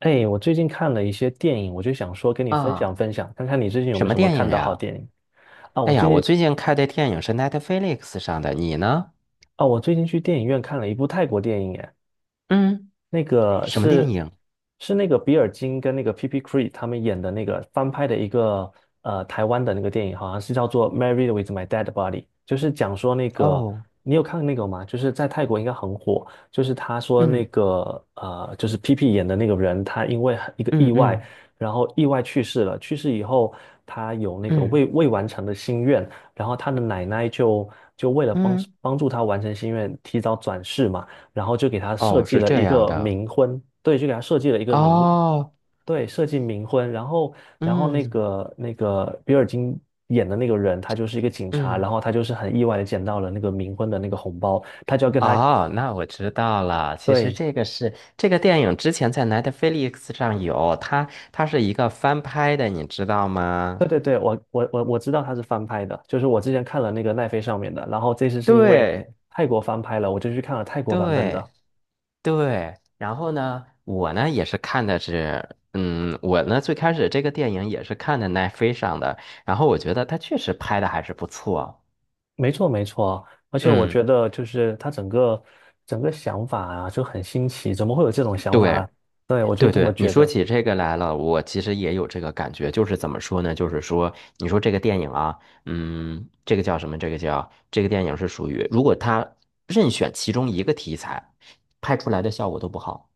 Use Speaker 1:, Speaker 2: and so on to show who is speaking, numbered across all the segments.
Speaker 1: 哎，我最近看了一些电影，我就想说跟你分享
Speaker 2: 啊，
Speaker 1: 分享，看看你最近有没
Speaker 2: 什
Speaker 1: 有
Speaker 2: 么
Speaker 1: 什么
Speaker 2: 电
Speaker 1: 看
Speaker 2: 影
Speaker 1: 到好
Speaker 2: 呀？
Speaker 1: 电影啊？
Speaker 2: 哎
Speaker 1: 我
Speaker 2: 呀，
Speaker 1: 最
Speaker 2: 我
Speaker 1: 近
Speaker 2: 最近看的电影是 Netflix 上的，你呢？
Speaker 1: 啊，我最近去电影院看了一部泰国电影，哎。
Speaker 2: 嗯，
Speaker 1: 那个
Speaker 2: 什么电
Speaker 1: 是
Speaker 2: 影？
Speaker 1: 是那个比尔金跟那个 P.P. Cree 他们演的那个翻拍的一个台湾的那个电影，好像是叫做《Married with My Dead Body》，就是讲说那个
Speaker 2: 哦，
Speaker 1: 你有看那个吗？就是在泰国应该很火，就是他说那
Speaker 2: 嗯
Speaker 1: 个就是 P.P. 演的那个人，他因为一个
Speaker 2: 嗯
Speaker 1: 意外，
Speaker 2: 嗯
Speaker 1: 然后意外去世了，去世以后他有那个
Speaker 2: 嗯
Speaker 1: 未完成的心愿，然后他的奶奶就为了
Speaker 2: 嗯，
Speaker 1: 帮助他完成心愿，提早转世嘛。然后就给他设
Speaker 2: 哦，
Speaker 1: 计
Speaker 2: 是
Speaker 1: 了
Speaker 2: 这
Speaker 1: 一
Speaker 2: 样
Speaker 1: 个
Speaker 2: 的。
Speaker 1: 冥婚，对，就给他设计了一个冥，
Speaker 2: 哦，
Speaker 1: 对，设计冥婚。然后，然后那
Speaker 2: 嗯
Speaker 1: 个那个比尔金演的那个人，他就是一个警察，然
Speaker 2: 嗯，
Speaker 1: 后他就是很意外的捡到了那个冥婚的那个红包，他就要跟他，
Speaker 2: 哦，那我知道了。其实
Speaker 1: 对，
Speaker 2: 这个是这个电影之前在 Netflix 上有，它是一个翻拍的，你知道
Speaker 1: 对
Speaker 2: 吗？
Speaker 1: 对对，我知道他是翻拍的，就是我之前看了那个奈飞上面的，然后这次是因为
Speaker 2: 对，
Speaker 1: 泰国翻拍了，我就去看了泰国版本的。
Speaker 2: 对。对，然后呢，我呢也是看的是，我呢最开始这个电影也是看的奈飞上的，然后我觉得他确实拍的还是不错。
Speaker 1: 没错，没错，而且我觉
Speaker 2: 嗯，
Speaker 1: 得就是他整个想法啊就很新奇，怎么会有这种想法
Speaker 2: 对，
Speaker 1: 啊？对，我就
Speaker 2: 对
Speaker 1: 这么
Speaker 2: 对，你
Speaker 1: 觉
Speaker 2: 说
Speaker 1: 着，
Speaker 2: 起这个来了，我其实也有这个感觉，就是怎么说呢？就是说，你说这个电影啊，这个叫什么？这个叫这个电影是属于，如果他任选其中一个题材，拍出来的效果都不好。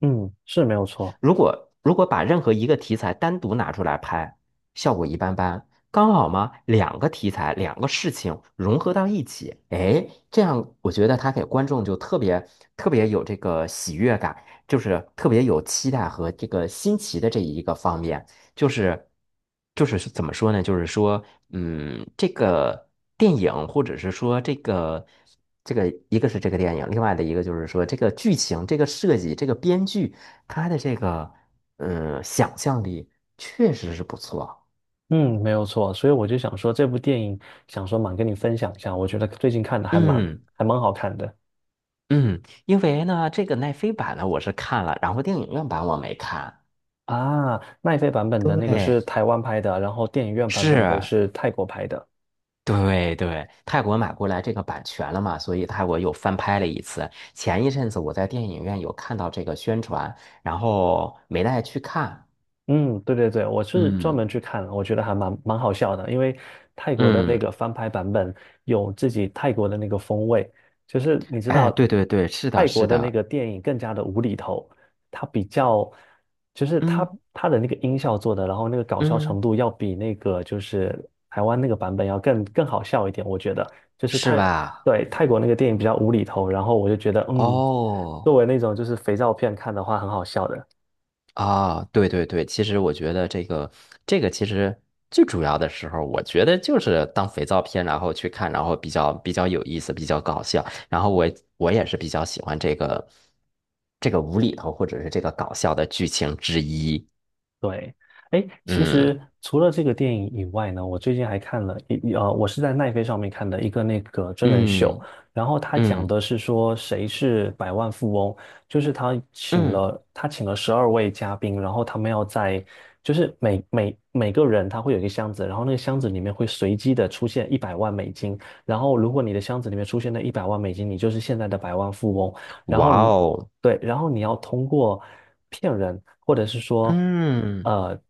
Speaker 1: 嗯，是没有错，
Speaker 2: 如果把任何一个题材单独拿出来拍，效果一般般。刚好嘛，两个题材，两个事情融合到一起，哎，这样我觉得他给观众就特别特别有这个喜悦感，就是特别有期待和这个新奇的这一个方面，就是就是怎么说呢？就是说，这个电影或者是说这个，一个是这个电影，另外的一个就是说这个剧情、这个设计、这个编剧。他的这个想象力确实是不错。
Speaker 1: 嗯，没有错，所以我就想说这部电影，想说蛮跟你分享一下，我觉得最近看的
Speaker 2: 嗯
Speaker 1: 还蛮好看的
Speaker 2: 嗯，因为呢，这个奈飞版呢我是看了，然后电影院版我没看。
Speaker 1: 啊。奈飞版本的那个
Speaker 2: 对，
Speaker 1: 是台湾拍的，然后电影院版本的
Speaker 2: 是，
Speaker 1: 是泰国拍的。
Speaker 2: 对对，泰国买过来这个版权了嘛，所以泰国又翻拍了一次。前一阵子我在电影院有看到这个宣传，然后没带去看。
Speaker 1: 嗯，对对对，我是专
Speaker 2: 嗯
Speaker 1: 门去看了，我觉得蛮好笑的，因为泰国的那
Speaker 2: 嗯，
Speaker 1: 个翻拍版本有自己泰国的那个风味，就是你知
Speaker 2: 哎，
Speaker 1: 道
Speaker 2: 对对对，是
Speaker 1: 泰
Speaker 2: 的，
Speaker 1: 国
Speaker 2: 是
Speaker 1: 的那
Speaker 2: 的，
Speaker 1: 个电影更加的无厘头，它比较就是
Speaker 2: 嗯
Speaker 1: 它的那个音效做的，然后那个搞笑程
Speaker 2: 嗯，
Speaker 1: 度要比那个就是台湾那个版本要更好笑一点，我觉得就是
Speaker 2: 是吧？
Speaker 1: 对泰国那个电影比较无厘头，然后我就觉得作
Speaker 2: 哦。
Speaker 1: 为那种就是肥皂片看的话很好笑的。
Speaker 2: 啊，对对对，其实我觉得这个其实最主要的时候，我觉得就是当肥皂片，然后去看，然后比较有意思，比较搞笑。然后我也是比较喜欢这个无厘头或者是这个搞笑的剧情之一。
Speaker 1: 对，哎，其
Speaker 2: 嗯
Speaker 1: 实除了这个电影以外呢，我最近还看了我是在奈飞上面看的一个那个真人秀，
Speaker 2: 嗯
Speaker 1: 然后他讲
Speaker 2: 嗯
Speaker 1: 的是说谁是百万富翁，就是
Speaker 2: 嗯，
Speaker 1: 他请了12位嘉宾，然后他们要在就是每个人他会有一个箱子，然后那个箱子里面会随机的出现一百万美金，然后如果你的箱子里面出现了一百万美金，你就是现在的百万富翁，然后
Speaker 2: 哇
Speaker 1: 你
Speaker 2: 哦，
Speaker 1: 对，然后你要通过骗人，或者是说，
Speaker 2: 嗯
Speaker 1: 呃，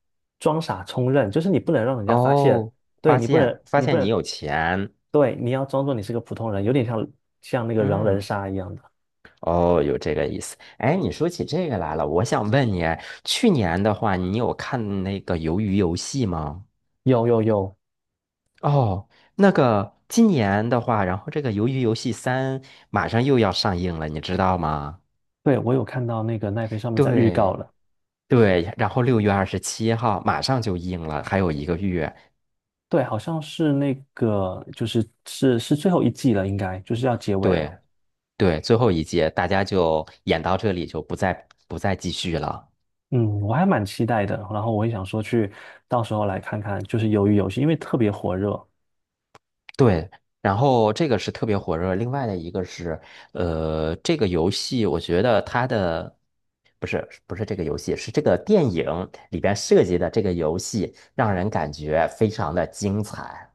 Speaker 1: 装傻充愣，就是你不能让人家发现，
Speaker 2: 哦，
Speaker 1: 对，
Speaker 2: 发现发
Speaker 1: 你不
Speaker 2: 现你
Speaker 1: 能，
Speaker 2: 有钱，
Speaker 1: 对，你要装作你是个普通人，有点像那个狼人
Speaker 2: 嗯。
Speaker 1: 杀一样的。
Speaker 2: 哦，有这个意思。哎，你说起这个来了，我想问你，去年的话，你有看那个《鱿鱼游戏》吗？
Speaker 1: 有有有，
Speaker 2: 哦，那个今年的话，然后这个《鱿鱼游戏三》马上又要上映了，你知道吗？
Speaker 1: 对，我有看到那个奈飞上面在预告
Speaker 2: 对
Speaker 1: 了，
Speaker 2: 对，然后6月27号马上就映了，还有一个月。
Speaker 1: 对，好像是那个是是最后一季了，应该就是要结尾了。
Speaker 2: 对对，最后一届大家就演到这里，就不再继续了。
Speaker 1: 嗯，我还蛮期待的，然后我也想说去到时候来看看，就是《鱿鱼游戏》，因为特别火热。
Speaker 2: 对，然后这个是特别火热，另外的一个是，这个游戏我觉得它的不是这个游戏，是这个电影里边设计的这个游戏，让人感觉非常的精彩。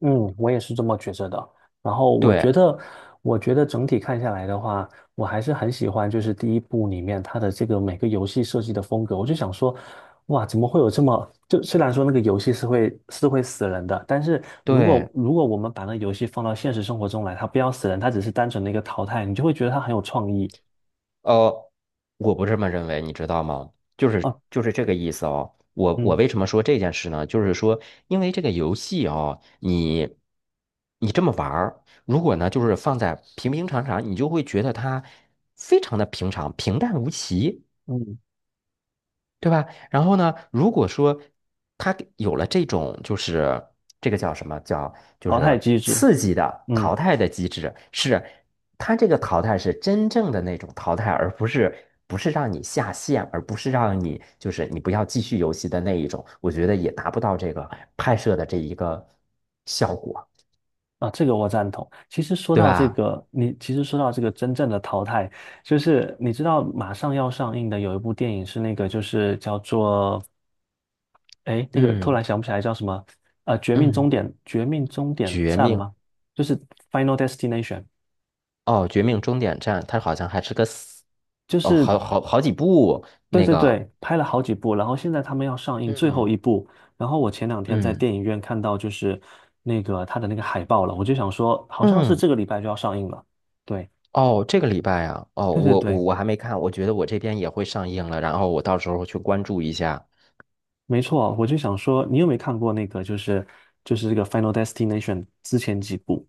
Speaker 1: 嗯，我也是这么觉着的。然后我
Speaker 2: 对
Speaker 1: 觉得，我觉得整体看下来的话，我还是很喜欢，就是第一部里面它的这个每个游戏设计的风格。我就想说，哇，怎么会有这么……就虽然说那个游戏是会死人的，但是
Speaker 2: 对，
Speaker 1: 如果我们把那个游戏放到现实生活中来，它不要死人，它只是单纯的一个淘汰，你就会觉得它很有创意
Speaker 2: 呃，我不这么认为，你知道吗？就是
Speaker 1: 啊。
Speaker 2: 就是这个意思哦。我
Speaker 1: 嗯
Speaker 2: 为什么说这件事呢？就是说，因为这个游戏哦，你这么玩儿，如果呢，就是放在平平常常，你就会觉得它非常的平常、平淡无奇。
Speaker 1: 嗯，
Speaker 2: 对吧？然后呢，如果说他给有了这种，就是这个叫什么叫，就
Speaker 1: 淘汰
Speaker 2: 是
Speaker 1: 机制，
Speaker 2: 刺激的
Speaker 1: 嗯。
Speaker 2: 淘汰的机制，是他这个淘汰是真正的那种淘汰，而不是让你下线，而不是让你就是你不要继续游戏的那一种，我觉得也达不到这个拍摄的这一个效果，
Speaker 1: 啊，这个我赞同。其实说
Speaker 2: 对
Speaker 1: 到这
Speaker 2: 吧？
Speaker 1: 个，你其实说到这个真正的淘汰，就是你知道马上要上映的有一部电影是那个，就是叫做，哎，那个突然
Speaker 2: 嗯
Speaker 1: 想不起来叫什么，《绝命终
Speaker 2: 嗯，
Speaker 1: 点》《绝命终点
Speaker 2: 绝
Speaker 1: 站》
Speaker 2: 命
Speaker 1: 吗？就是《Final Destination》，
Speaker 2: 哦，绝命终点站，它好像还是个死
Speaker 1: 就
Speaker 2: 哦，好
Speaker 1: 是
Speaker 2: 好好几部
Speaker 1: 对
Speaker 2: 那
Speaker 1: 对
Speaker 2: 个。
Speaker 1: 对，拍了好几部，然后现在他们要上映最后
Speaker 2: 嗯
Speaker 1: 一部，然后我前两天在
Speaker 2: 嗯
Speaker 1: 电影院看到就是那个他的那个海报了，我就想说，好像是
Speaker 2: 嗯，
Speaker 1: 这个礼拜就要上映了。对
Speaker 2: 哦，这个礼拜啊，哦，
Speaker 1: 对对
Speaker 2: 我我
Speaker 1: 对。
Speaker 2: 我还没看，我觉得我这边也会上映了，然后我到时候去关注一下。
Speaker 1: 没错，我就想说，你有没有看过那个，就是这个《Final Destination》之前几部？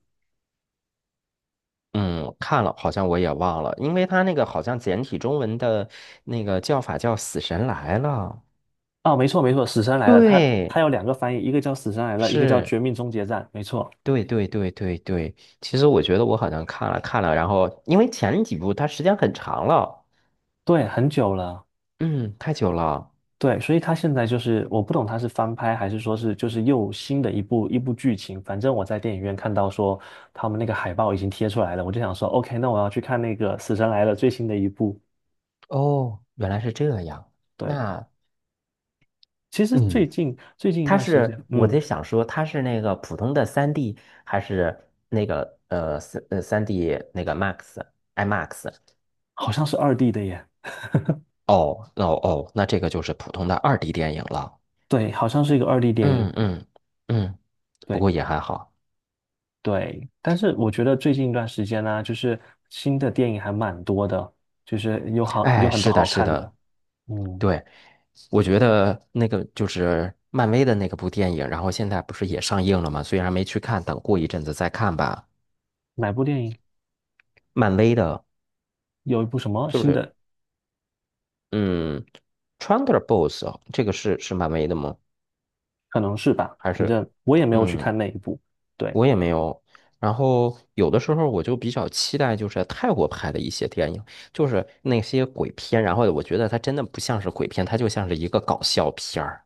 Speaker 2: 嗯，看了，好像我也忘了，因为他那个好像简体中文的那个叫法叫《死神来了》。
Speaker 1: 啊？没错没错，《死神来了》它
Speaker 2: 对，
Speaker 1: 有两个翻译，一个叫《死神来了》，一个叫
Speaker 2: 是，
Speaker 1: 《绝命终结战》。没错，
Speaker 2: 对对对对对。其实我觉得我好像看了看了，然后因为前几部它时间很长了，
Speaker 1: 对，很久了，
Speaker 2: 嗯，太久了。
Speaker 1: 对，所以它现在就是我不懂它是翻拍还是说是就是又新的一部剧情。反正我在电影院看到说他们那个海报已经贴出来了，我就想说，OK，那我要去看那个《死神来了》最新的一部。
Speaker 2: 哦，原来是这样。
Speaker 1: 对，
Speaker 2: 那。
Speaker 1: 其实
Speaker 2: 嗯。
Speaker 1: 最近一
Speaker 2: 它
Speaker 1: 段时间，
Speaker 2: 是我在
Speaker 1: 嗯，
Speaker 2: 想说，它是那个普通的三 d 还是那个三 d 那个 IMAX？
Speaker 1: 好像是二 D 的耶。
Speaker 2: 哦，那哦哦，那这个就是普通的2D 电影了。
Speaker 1: 对，好像是一个二 D 电
Speaker 2: 嗯
Speaker 1: 影。
Speaker 2: 嗯嗯，不
Speaker 1: 对
Speaker 2: 过也还好。
Speaker 1: 对，但是我觉得最近一段时间呢、就是新的电影还蛮多的，就是有
Speaker 2: 哎，
Speaker 1: 很多
Speaker 2: 是的，
Speaker 1: 好
Speaker 2: 是
Speaker 1: 看的。
Speaker 2: 的，
Speaker 1: 嗯，
Speaker 2: 对，我觉得那个就是漫威的那个部电影，然后现在不是也上映了吗？虽然没去看，等过一阵子再看吧。
Speaker 1: 哪部电影？
Speaker 2: 漫威的，
Speaker 1: 有一部什么
Speaker 2: 就
Speaker 1: 新
Speaker 2: 是
Speaker 1: 的？
Speaker 2: 嗯，Thunderbolts 哦这个是漫威的吗？
Speaker 1: 可能是吧，
Speaker 2: 还
Speaker 1: 反
Speaker 2: 是，
Speaker 1: 正我也没有去
Speaker 2: 嗯，
Speaker 1: 看那一部。对，
Speaker 2: 我也没有。然后有的时候我就比较期待，就是泰国拍的一些电影，就是那些鬼片。然后我觉得它真的不像是鬼片，它就像是一个搞笑片儿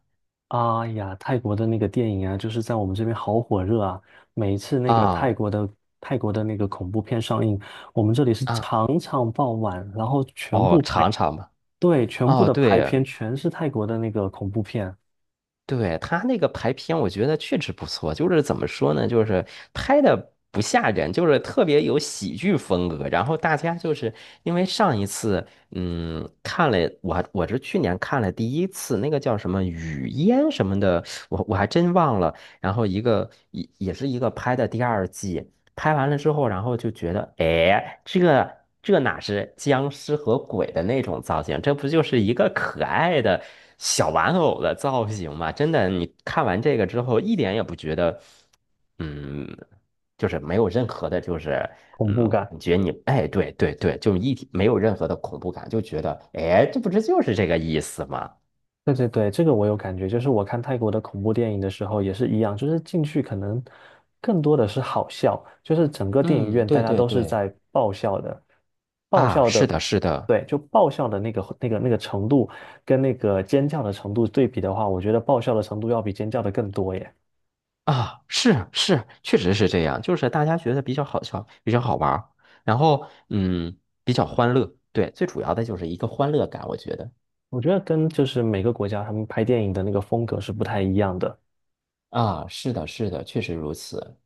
Speaker 1: 哎呀，泰国的那个电影啊，就是在我们这边好火热啊。每一次
Speaker 2: 啊
Speaker 1: 泰国的那个恐怖片上映，我们这里是
Speaker 2: 啊
Speaker 1: 场场爆满，然后全
Speaker 2: 哦，
Speaker 1: 部排，
Speaker 2: 尝尝吧。
Speaker 1: 对，全部
Speaker 2: 哦，
Speaker 1: 的排
Speaker 2: 对，
Speaker 1: 片全是泰国的那个恐怖片，
Speaker 2: 对，他那个排片，我觉得确实不错。就是怎么说呢，就是拍的不吓人，就是特别有喜剧风格。然后大家就是因为上一次，看了我我是去年看了第一次那个叫什么雨烟什么的，我还真忘了。然后一个也是一个拍的第二季，拍完了之后，然后就觉得，哎，这个这哪是僵尸和鬼的那种造型，这不就是一个可爱的小玩偶的造型吗？真的，你看完这个之后，一点也不觉得，嗯，就是没有任何的，
Speaker 1: 恐
Speaker 2: 嗯，
Speaker 1: 怖感。
Speaker 2: 感觉你，哎，对对对，就一体没有任何的恐怖感，就觉得，哎，这不是就是这个意思吗？
Speaker 1: 对对对，这个我有感觉，就是我看泰国的恐怖电影的时候也是一样，就是进去可能更多的是好笑，就是整个电影
Speaker 2: 嗯，
Speaker 1: 院大
Speaker 2: 对
Speaker 1: 家
Speaker 2: 对
Speaker 1: 都是
Speaker 2: 对，
Speaker 1: 在爆笑的，爆
Speaker 2: 啊，
Speaker 1: 笑
Speaker 2: 是
Speaker 1: 的，
Speaker 2: 的，是的。
Speaker 1: 对，就爆笑的那个程度跟那个尖叫的程度对比的话，我觉得爆笑的程度要比尖叫的更多耶。
Speaker 2: 啊，是，确实是这样，就是大家觉得比较好笑，比较好玩儿然后比较欢乐，对，最主要的就是一个欢乐感，我觉得
Speaker 1: 我觉得跟就是每个国家他们拍电影的那个风格是不太一样的。
Speaker 2: 啊，是的，是的，确实如此，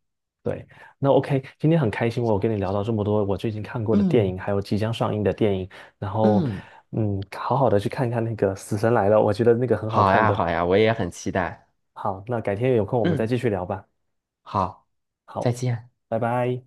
Speaker 1: 对，那 OK，今天很开心，我跟你聊到这么多我最近看过的电
Speaker 2: 嗯
Speaker 1: 影，还有即将上映的电影，然后，
Speaker 2: 嗯，
Speaker 1: 嗯，好好的去看看那个《死神来了》，我觉得那个很好
Speaker 2: 好
Speaker 1: 看
Speaker 2: 呀，
Speaker 1: 的。
Speaker 2: 好呀，我也很期待，
Speaker 1: 好，那改天有空我们再
Speaker 2: 嗯，
Speaker 1: 继续聊吧。
Speaker 2: 好，再
Speaker 1: 好，
Speaker 2: 见。
Speaker 1: 拜拜。